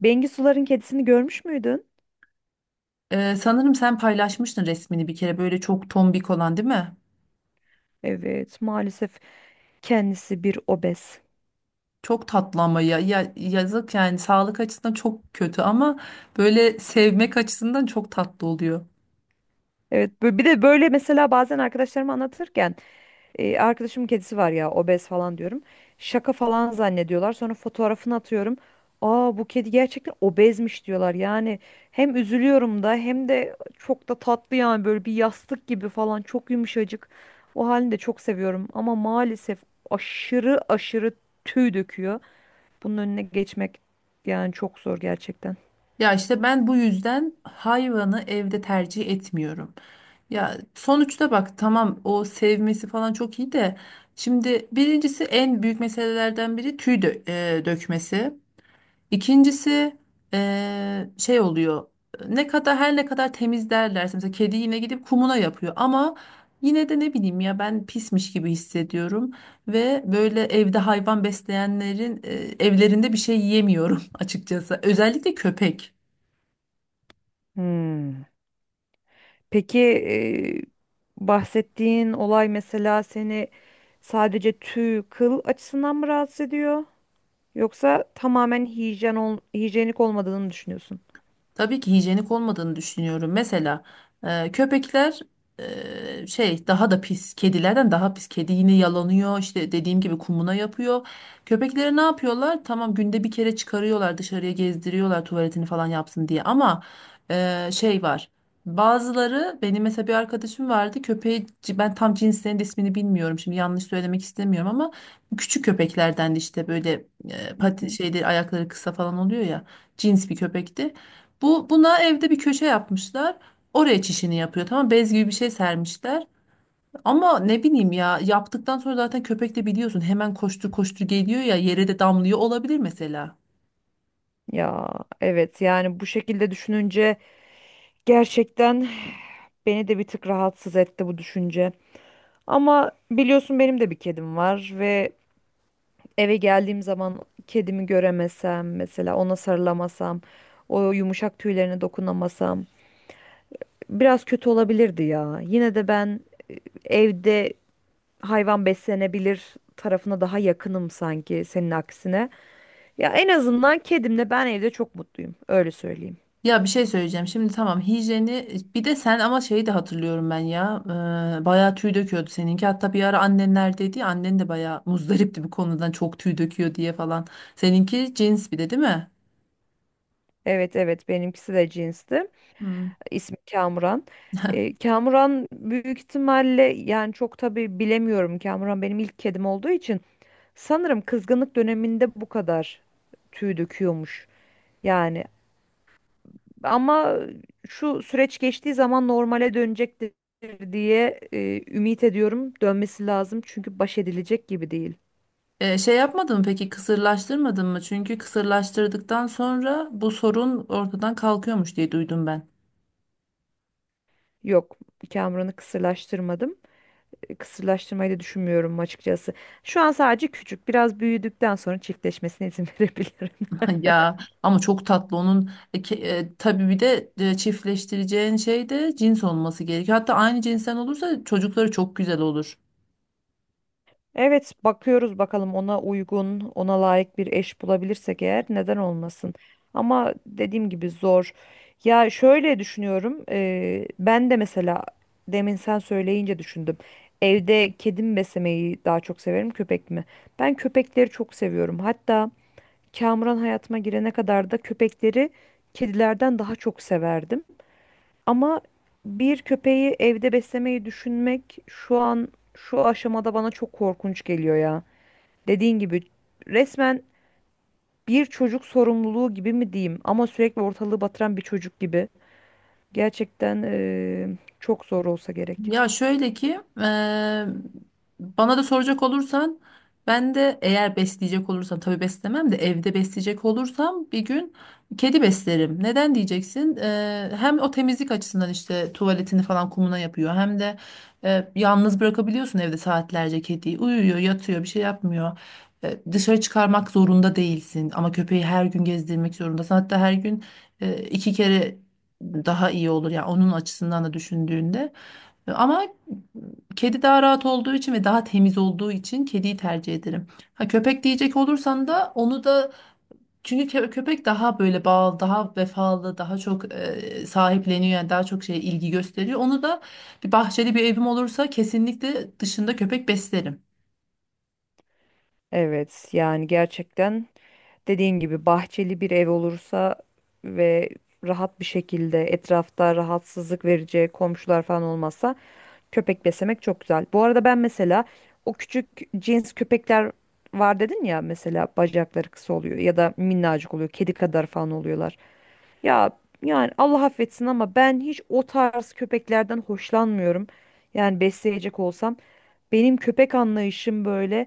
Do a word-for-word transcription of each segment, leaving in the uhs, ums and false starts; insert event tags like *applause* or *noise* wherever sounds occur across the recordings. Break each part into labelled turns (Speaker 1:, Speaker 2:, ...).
Speaker 1: Bengisuların kedisini görmüş müydün?
Speaker 2: Ee, sanırım sen paylaşmıştın resmini bir kere, böyle çok tombik olan, değil mi?
Speaker 1: Evet, maalesef kendisi bir obez.
Speaker 2: Çok tatlı ama ya, ya yazık, yani sağlık açısından çok kötü ama böyle sevmek açısından çok tatlı oluyor.
Speaker 1: Evet, bö- bir de böyle mesela bazen arkadaşlarıma anlatırken e, arkadaşımın kedisi var ya obez falan diyorum. Şaka falan zannediyorlar. Sonra fotoğrafını atıyorum. Aa, bu kedi gerçekten obezmiş diyorlar. Yani hem üzülüyorum da hem de çok da tatlı, yani böyle bir yastık gibi falan, çok yumuşacık. O halini de çok seviyorum ama maalesef aşırı aşırı tüy döküyor. Bunun önüne geçmek yani çok zor gerçekten.
Speaker 2: Ya işte ben bu yüzden hayvanı evde tercih etmiyorum. Ya sonuçta bak, tamam, o sevmesi falan çok iyi de şimdi birincisi, en büyük meselelerden biri tüy dö- e, dökmesi. İkincisi eee, şey oluyor. Ne kadar her ne kadar temiz derlerse mesela, kedi yine gidip kumuna yapıyor ama yine de ne bileyim ya, ben pismiş gibi hissediyorum ve böyle evde hayvan besleyenlerin eee, evlerinde bir şey yiyemiyorum *laughs* açıkçası. Özellikle köpek.
Speaker 1: Hmm. Peki, e, bahsettiğin olay mesela seni sadece tüy, kıl açısından mı rahatsız ediyor? Yoksa tamamen hijyen ol, hijyenik olmadığını mı düşünüyorsun?
Speaker 2: Tabii ki hijyenik olmadığını düşünüyorum. Mesela e, köpekler e, şey, daha da pis. Kedilerden daha pis. Kedi yine yalanıyor. İşte dediğim gibi kumuna yapıyor. Köpekleri ne yapıyorlar? Tamam, günde bir kere çıkarıyorlar dışarıya, gezdiriyorlar tuvaletini falan yapsın diye. Ama e, şey var. Bazıları, benim mesela bir arkadaşım vardı, köpeği, ben tam cinslerinin de ismini bilmiyorum şimdi yanlış söylemek istemiyorum ama küçük köpeklerden, de işte böyle e,
Speaker 1: Hı
Speaker 2: pati,
Speaker 1: hı.
Speaker 2: şeyleri, ayakları kısa falan oluyor ya, cins bir köpekti. Bu buna evde bir köşe yapmışlar. Oraya çişini yapıyor. Tamam, bez gibi bir şey sermişler. Ama ne bileyim ya, yaptıktan sonra zaten köpek de biliyorsun hemen koştur koştur geliyor ya, yere de damlıyor olabilir mesela.
Speaker 1: Ya evet, yani bu şekilde düşününce gerçekten beni de bir tık rahatsız etti bu düşünce. Ama biliyorsun benim de bir kedim var ve eve geldiğim zaman kedimi göremesem, mesela ona sarılamasam, o yumuşak tüylerine dokunamasam biraz kötü olabilirdi ya. Yine de ben evde hayvan beslenebilir tarafına daha yakınım sanki, senin aksine. Ya en azından kedimle ben evde çok mutluyum, öyle söyleyeyim.
Speaker 2: Ya bir şey söyleyeceğim. Şimdi tamam, hijyeni bir de sen, ama şeyi de hatırlıyorum ben ya. Ee, bayağı tüy döküyordu seninki. Hatta bir ara annenler dedi ya, annen de bayağı muzdaripti bu konudan, çok tüy döküyor diye falan. Seninki cins, bir de değil mi?
Speaker 1: Evet evet, benimkisi de cinsti.
Speaker 2: Hmm.
Speaker 1: İsmi Kamuran. E, Kamuran büyük ihtimalle, yani çok tabii bilemiyorum. Kamuran benim ilk kedim olduğu için sanırım kızgınlık döneminde bu kadar tüy döküyormuş. Yani ama şu süreç geçtiği zaman normale dönecektir diye e, ümit ediyorum. Dönmesi lazım çünkü baş edilecek gibi değil.
Speaker 2: E, şey yapmadın mı peki, kısırlaştırmadın mı? Çünkü kısırlaştırdıktan sonra bu sorun ortadan kalkıyormuş diye duydum ben.
Speaker 1: Yok, Kamuran'ı kısırlaştırmadım. E, Kısırlaştırmayı da düşünmüyorum açıkçası. Şu an sadece küçük. Biraz büyüdükten sonra çiftleşmesine izin *laughs* verebilirim.
Speaker 2: *laughs* Ya, ama çok tatlı onun e, ke- e, tabii bir de e, çiftleştireceğin şey de cins olması gerekiyor. Hatta aynı cinsten olursa çocukları çok güzel olur.
Speaker 1: Evet, bakıyoruz bakalım, ona uygun, ona layık bir eş bulabilirsek eğer, neden olmasın. Ama dediğim gibi zor. Ya şöyle düşünüyorum, eee, ben de mesela demin sen söyleyince düşündüm. Evde kedim beslemeyi daha çok severim, köpek mi? Ben köpekleri çok seviyorum. Hatta Kamuran hayatıma girene kadar da köpekleri kedilerden daha çok severdim. Ama bir köpeği evde beslemeyi düşünmek şu an, şu aşamada bana çok korkunç geliyor ya. Dediğin gibi resmen bir çocuk sorumluluğu gibi mi diyeyim, ama sürekli ortalığı batıran bir çocuk gibi. Gerçekten eee, çok zor olsa gerek.
Speaker 2: Ya şöyle ki, eee, bana da soracak olursan, ben de eğer besleyecek olursam, tabii beslemem de, evde besleyecek olursam, bir gün kedi beslerim. Neden diyeceksin? Eee, hem o temizlik açısından, işte tuvaletini falan kumuna yapıyor, hem de eee, yalnız bırakabiliyorsun evde saatlerce kediyi. Uyuyor, yatıyor, bir şey yapmıyor. Eee, dışarı çıkarmak zorunda değilsin ama köpeği her gün gezdirmek zorundasın. Hatta her gün eee, iki kere daha iyi olur ya, yani onun açısından da düşündüğünde. Ama kedi daha rahat olduğu için ve daha temiz olduğu için kediyi tercih ederim. Ha, köpek diyecek olursan da onu da, çünkü kö- köpek daha böyle bağlı, daha vefalı, daha çok e, sahipleniyor, yani daha çok şey, ilgi gösteriyor. Onu da bir bahçeli bir evim olursa kesinlikle dışında köpek beslerim.
Speaker 1: Evet, yani gerçekten dediğin gibi bahçeli bir ev olursa ve rahat bir şekilde etrafta rahatsızlık verici komşular falan olmazsa köpek beslemek çok güzel. Bu arada ben mesela o küçük cins köpekler var dedin ya, mesela bacakları kısa oluyor ya da minnacık oluyor, kedi kadar falan oluyorlar. Ya yani Allah affetsin ama ben hiç o tarz köpeklerden hoşlanmıyorum. Yani besleyecek olsam benim köpek anlayışım böyle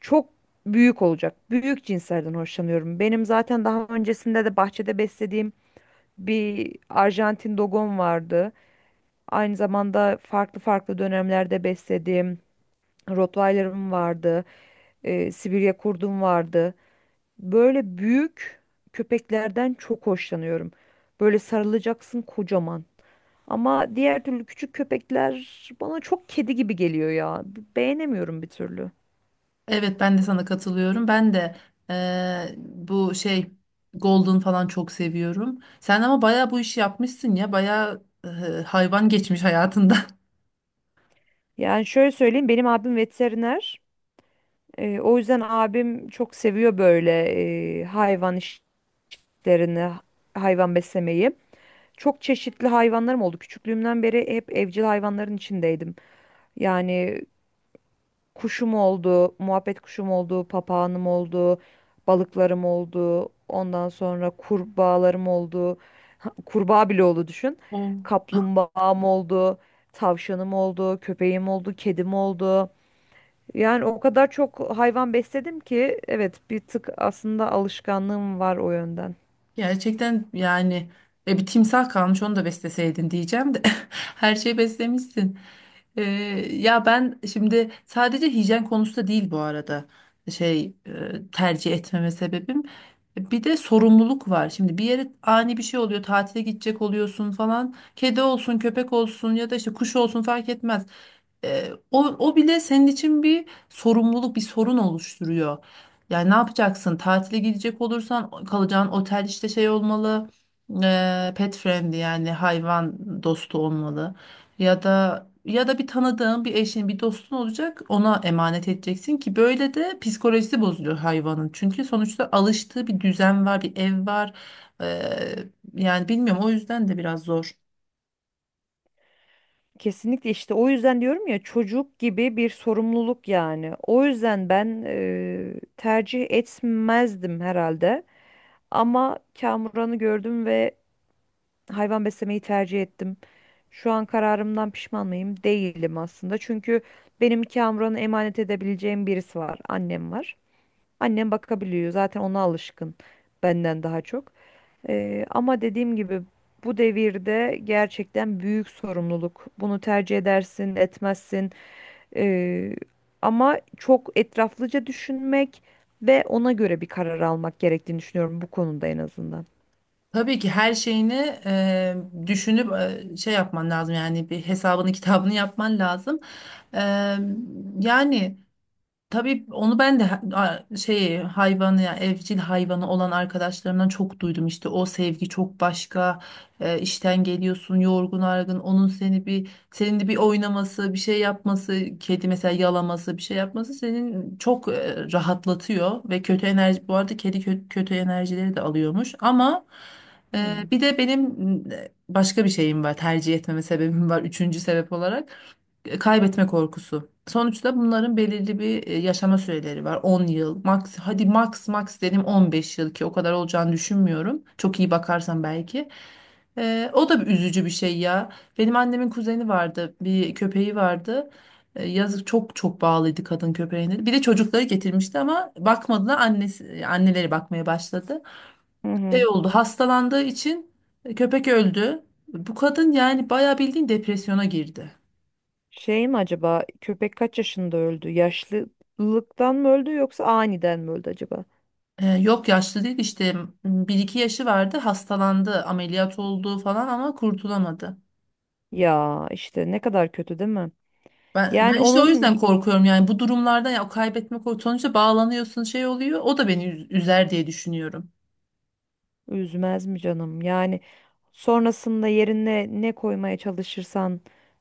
Speaker 1: çok büyük olacak. Büyük cinslerden hoşlanıyorum. Benim zaten daha öncesinde de bahçede beslediğim bir Arjantin dogom vardı. Aynı zamanda farklı farklı dönemlerde beslediğim Rottweiler'ım vardı. e, Sibirya kurdum vardı. Böyle büyük köpeklerden çok hoşlanıyorum. Böyle sarılacaksın kocaman. Ama diğer türlü küçük köpekler bana çok kedi gibi geliyor ya. B- Beğenemiyorum bir türlü.
Speaker 2: Evet, ben de sana katılıyorum. Ben de e, bu şey Golden falan çok seviyorum. Sen ama bayağı bu işi yapmışsın ya. Bayağı e, hayvan geçmiş hayatında.
Speaker 1: Yani şöyle söyleyeyim, benim abim veteriner. Ee, o yüzden abim çok seviyor böyle e, hayvan iş- işlerini, hayvan beslemeyi. Çok çeşitli hayvanlarım oldu. Küçüklüğümden beri hep evcil hayvanların içindeydim. Yani kuşum oldu, muhabbet kuşum oldu, papağanım oldu, balıklarım oldu, ondan sonra kurbağalarım oldu. *laughs* Kurbağa bile oldu, düşün.
Speaker 2: *laughs*
Speaker 1: Kaplumbağam oldu, tavşanım oldu, köpeğim oldu, kedim oldu. Yani o kadar çok hayvan besledim ki, evet, bir tık aslında alışkanlığım var o yönden.
Speaker 2: Gerçekten yani, e, bir timsah kalmış, onu da besleseydin diyeceğim de *laughs* her şeyi beslemişsin. Ee, Ya ben şimdi, sadece hijyen konusu da değil bu arada şey, e, tercih etmeme sebebim. Bir de sorumluluk var. Şimdi bir yere ani bir şey oluyor, tatile gidecek oluyorsun falan. Kedi olsun, köpek olsun, ya da işte kuş olsun, fark etmez. E, o, o bile senin için bir sorumluluk, bir sorun oluşturuyor. Yani ne yapacaksın? Tatile gidecek olursan kalacağın otel işte şey olmalı, e, pet friendly, yani hayvan dostu olmalı. Ya da ya da bir tanıdığın, bir eşin, bir dostun olacak. Ona emanet edeceksin ki böyle de psikolojisi bozuluyor hayvanın. Çünkü sonuçta alıştığı bir düzen var, bir ev var. E, Yani bilmiyorum, o yüzden de biraz zor.
Speaker 1: Kesinlikle, işte o yüzden diyorum ya, çocuk gibi bir sorumluluk yani. O yüzden ben e, tercih etmezdim herhalde. Ama Kamuran'ı gördüm ve hayvan beslemeyi tercih ettim. Şu an kararımdan pişman mıyım? Değilim aslında. Çünkü benim Kamuran'ı emanet edebileceğim birisi var. Annem var. Annem bakabiliyor. Zaten ona alışkın, benden daha çok. Ee, ama dediğim gibi bu devirde gerçekten büyük sorumluluk. Bunu tercih edersin, etmezsin. Ee, Ama çok etraflıca düşünmek ve ona göre bir karar almak gerektiğini düşünüyorum bu konuda en azından.
Speaker 2: Tabii ki her şeyini eee, düşünüp, eee, şey yapman lazım, yani bir hesabını kitabını yapman lazım. Eee, Yani. Tabii onu ben de ha- a- şey, hayvanı ya evcil hayvanı olan arkadaşlarımdan çok duydum, işte o sevgi çok başka, e, işten geliyorsun yorgun argın, onun seni bir, senin de bir oynaması, bir şey yapması, kedi mesela yalaması, bir şey yapması senin çok e, rahatlatıyor ve kötü enerji, bu arada kedi kö- kötü enerjileri de alıyormuş ama e,
Speaker 1: Hmm.
Speaker 2: bir de benim m, e, başka bir şeyim var, tercih etmeme sebebim var, üçüncü sebep olarak kaybetme korkusu. Sonuçta bunların belirli bir e, yaşama süreleri var. On yıl max, hadi max max dedim on beş yıl, ki o kadar olacağını düşünmüyorum. Çok iyi bakarsan belki. E, o da bir üzücü bir şey ya. Benim annemin kuzeni vardı, bir köpeği vardı. E, yazık, çok çok bağlıydı kadın köpeğine. Bir de çocukları getirmişti ama bakmadılar. Annesi, anneleri bakmaya başladı.
Speaker 1: Hı
Speaker 2: Şey
Speaker 1: hı.
Speaker 2: oldu, hastalandığı için köpek öldü. Bu kadın yani bayağı bildiğin depresyona girdi.
Speaker 1: Şey mi acaba, köpek kaç yaşında öldü? Yaşlılıktan mı öldü yoksa aniden mi öldü acaba?
Speaker 2: Ee, yok, yaşlı değil işte, bir iki yaşı vardı, hastalandı, ameliyat oldu falan ama kurtulamadı.
Speaker 1: Ya işte ne kadar kötü, değil mi?
Speaker 2: Ben, ben
Speaker 1: Yani
Speaker 2: işte o
Speaker 1: onun
Speaker 2: yüzden
Speaker 1: y-
Speaker 2: korkuyorum yani, bu durumlardan, ya o kaybetme korkusu, sonuçta bağlanıyorsun, şey oluyor, o da beni üz- üzer diye düşünüyorum.
Speaker 1: üzmez mi canım? Yani sonrasında yerine ne koymaya çalışırsan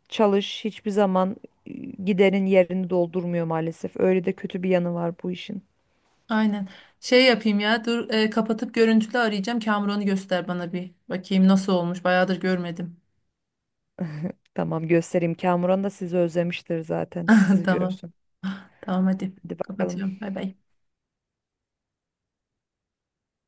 Speaker 1: çalış, hiçbir zaman e, giderin yerini doldurmuyor maalesef. Öyle de kötü bir yanı var bu işin.
Speaker 2: Aynen, şey yapayım ya, dur, e, kapatıp görüntülü arayacağım, Kamuran'ı göster bana bir bakayım nasıl olmuş, bayağıdır görmedim.
Speaker 1: Tamam, göstereyim. Kamuran da sizi özlemiştir zaten.
Speaker 2: *laughs*
Speaker 1: Sizi
Speaker 2: Tamam,
Speaker 1: görsün.
Speaker 2: tamam, hadi,
Speaker 1: Hadi bakalım.
Speaker 2: kapatıyorum. Bay bay.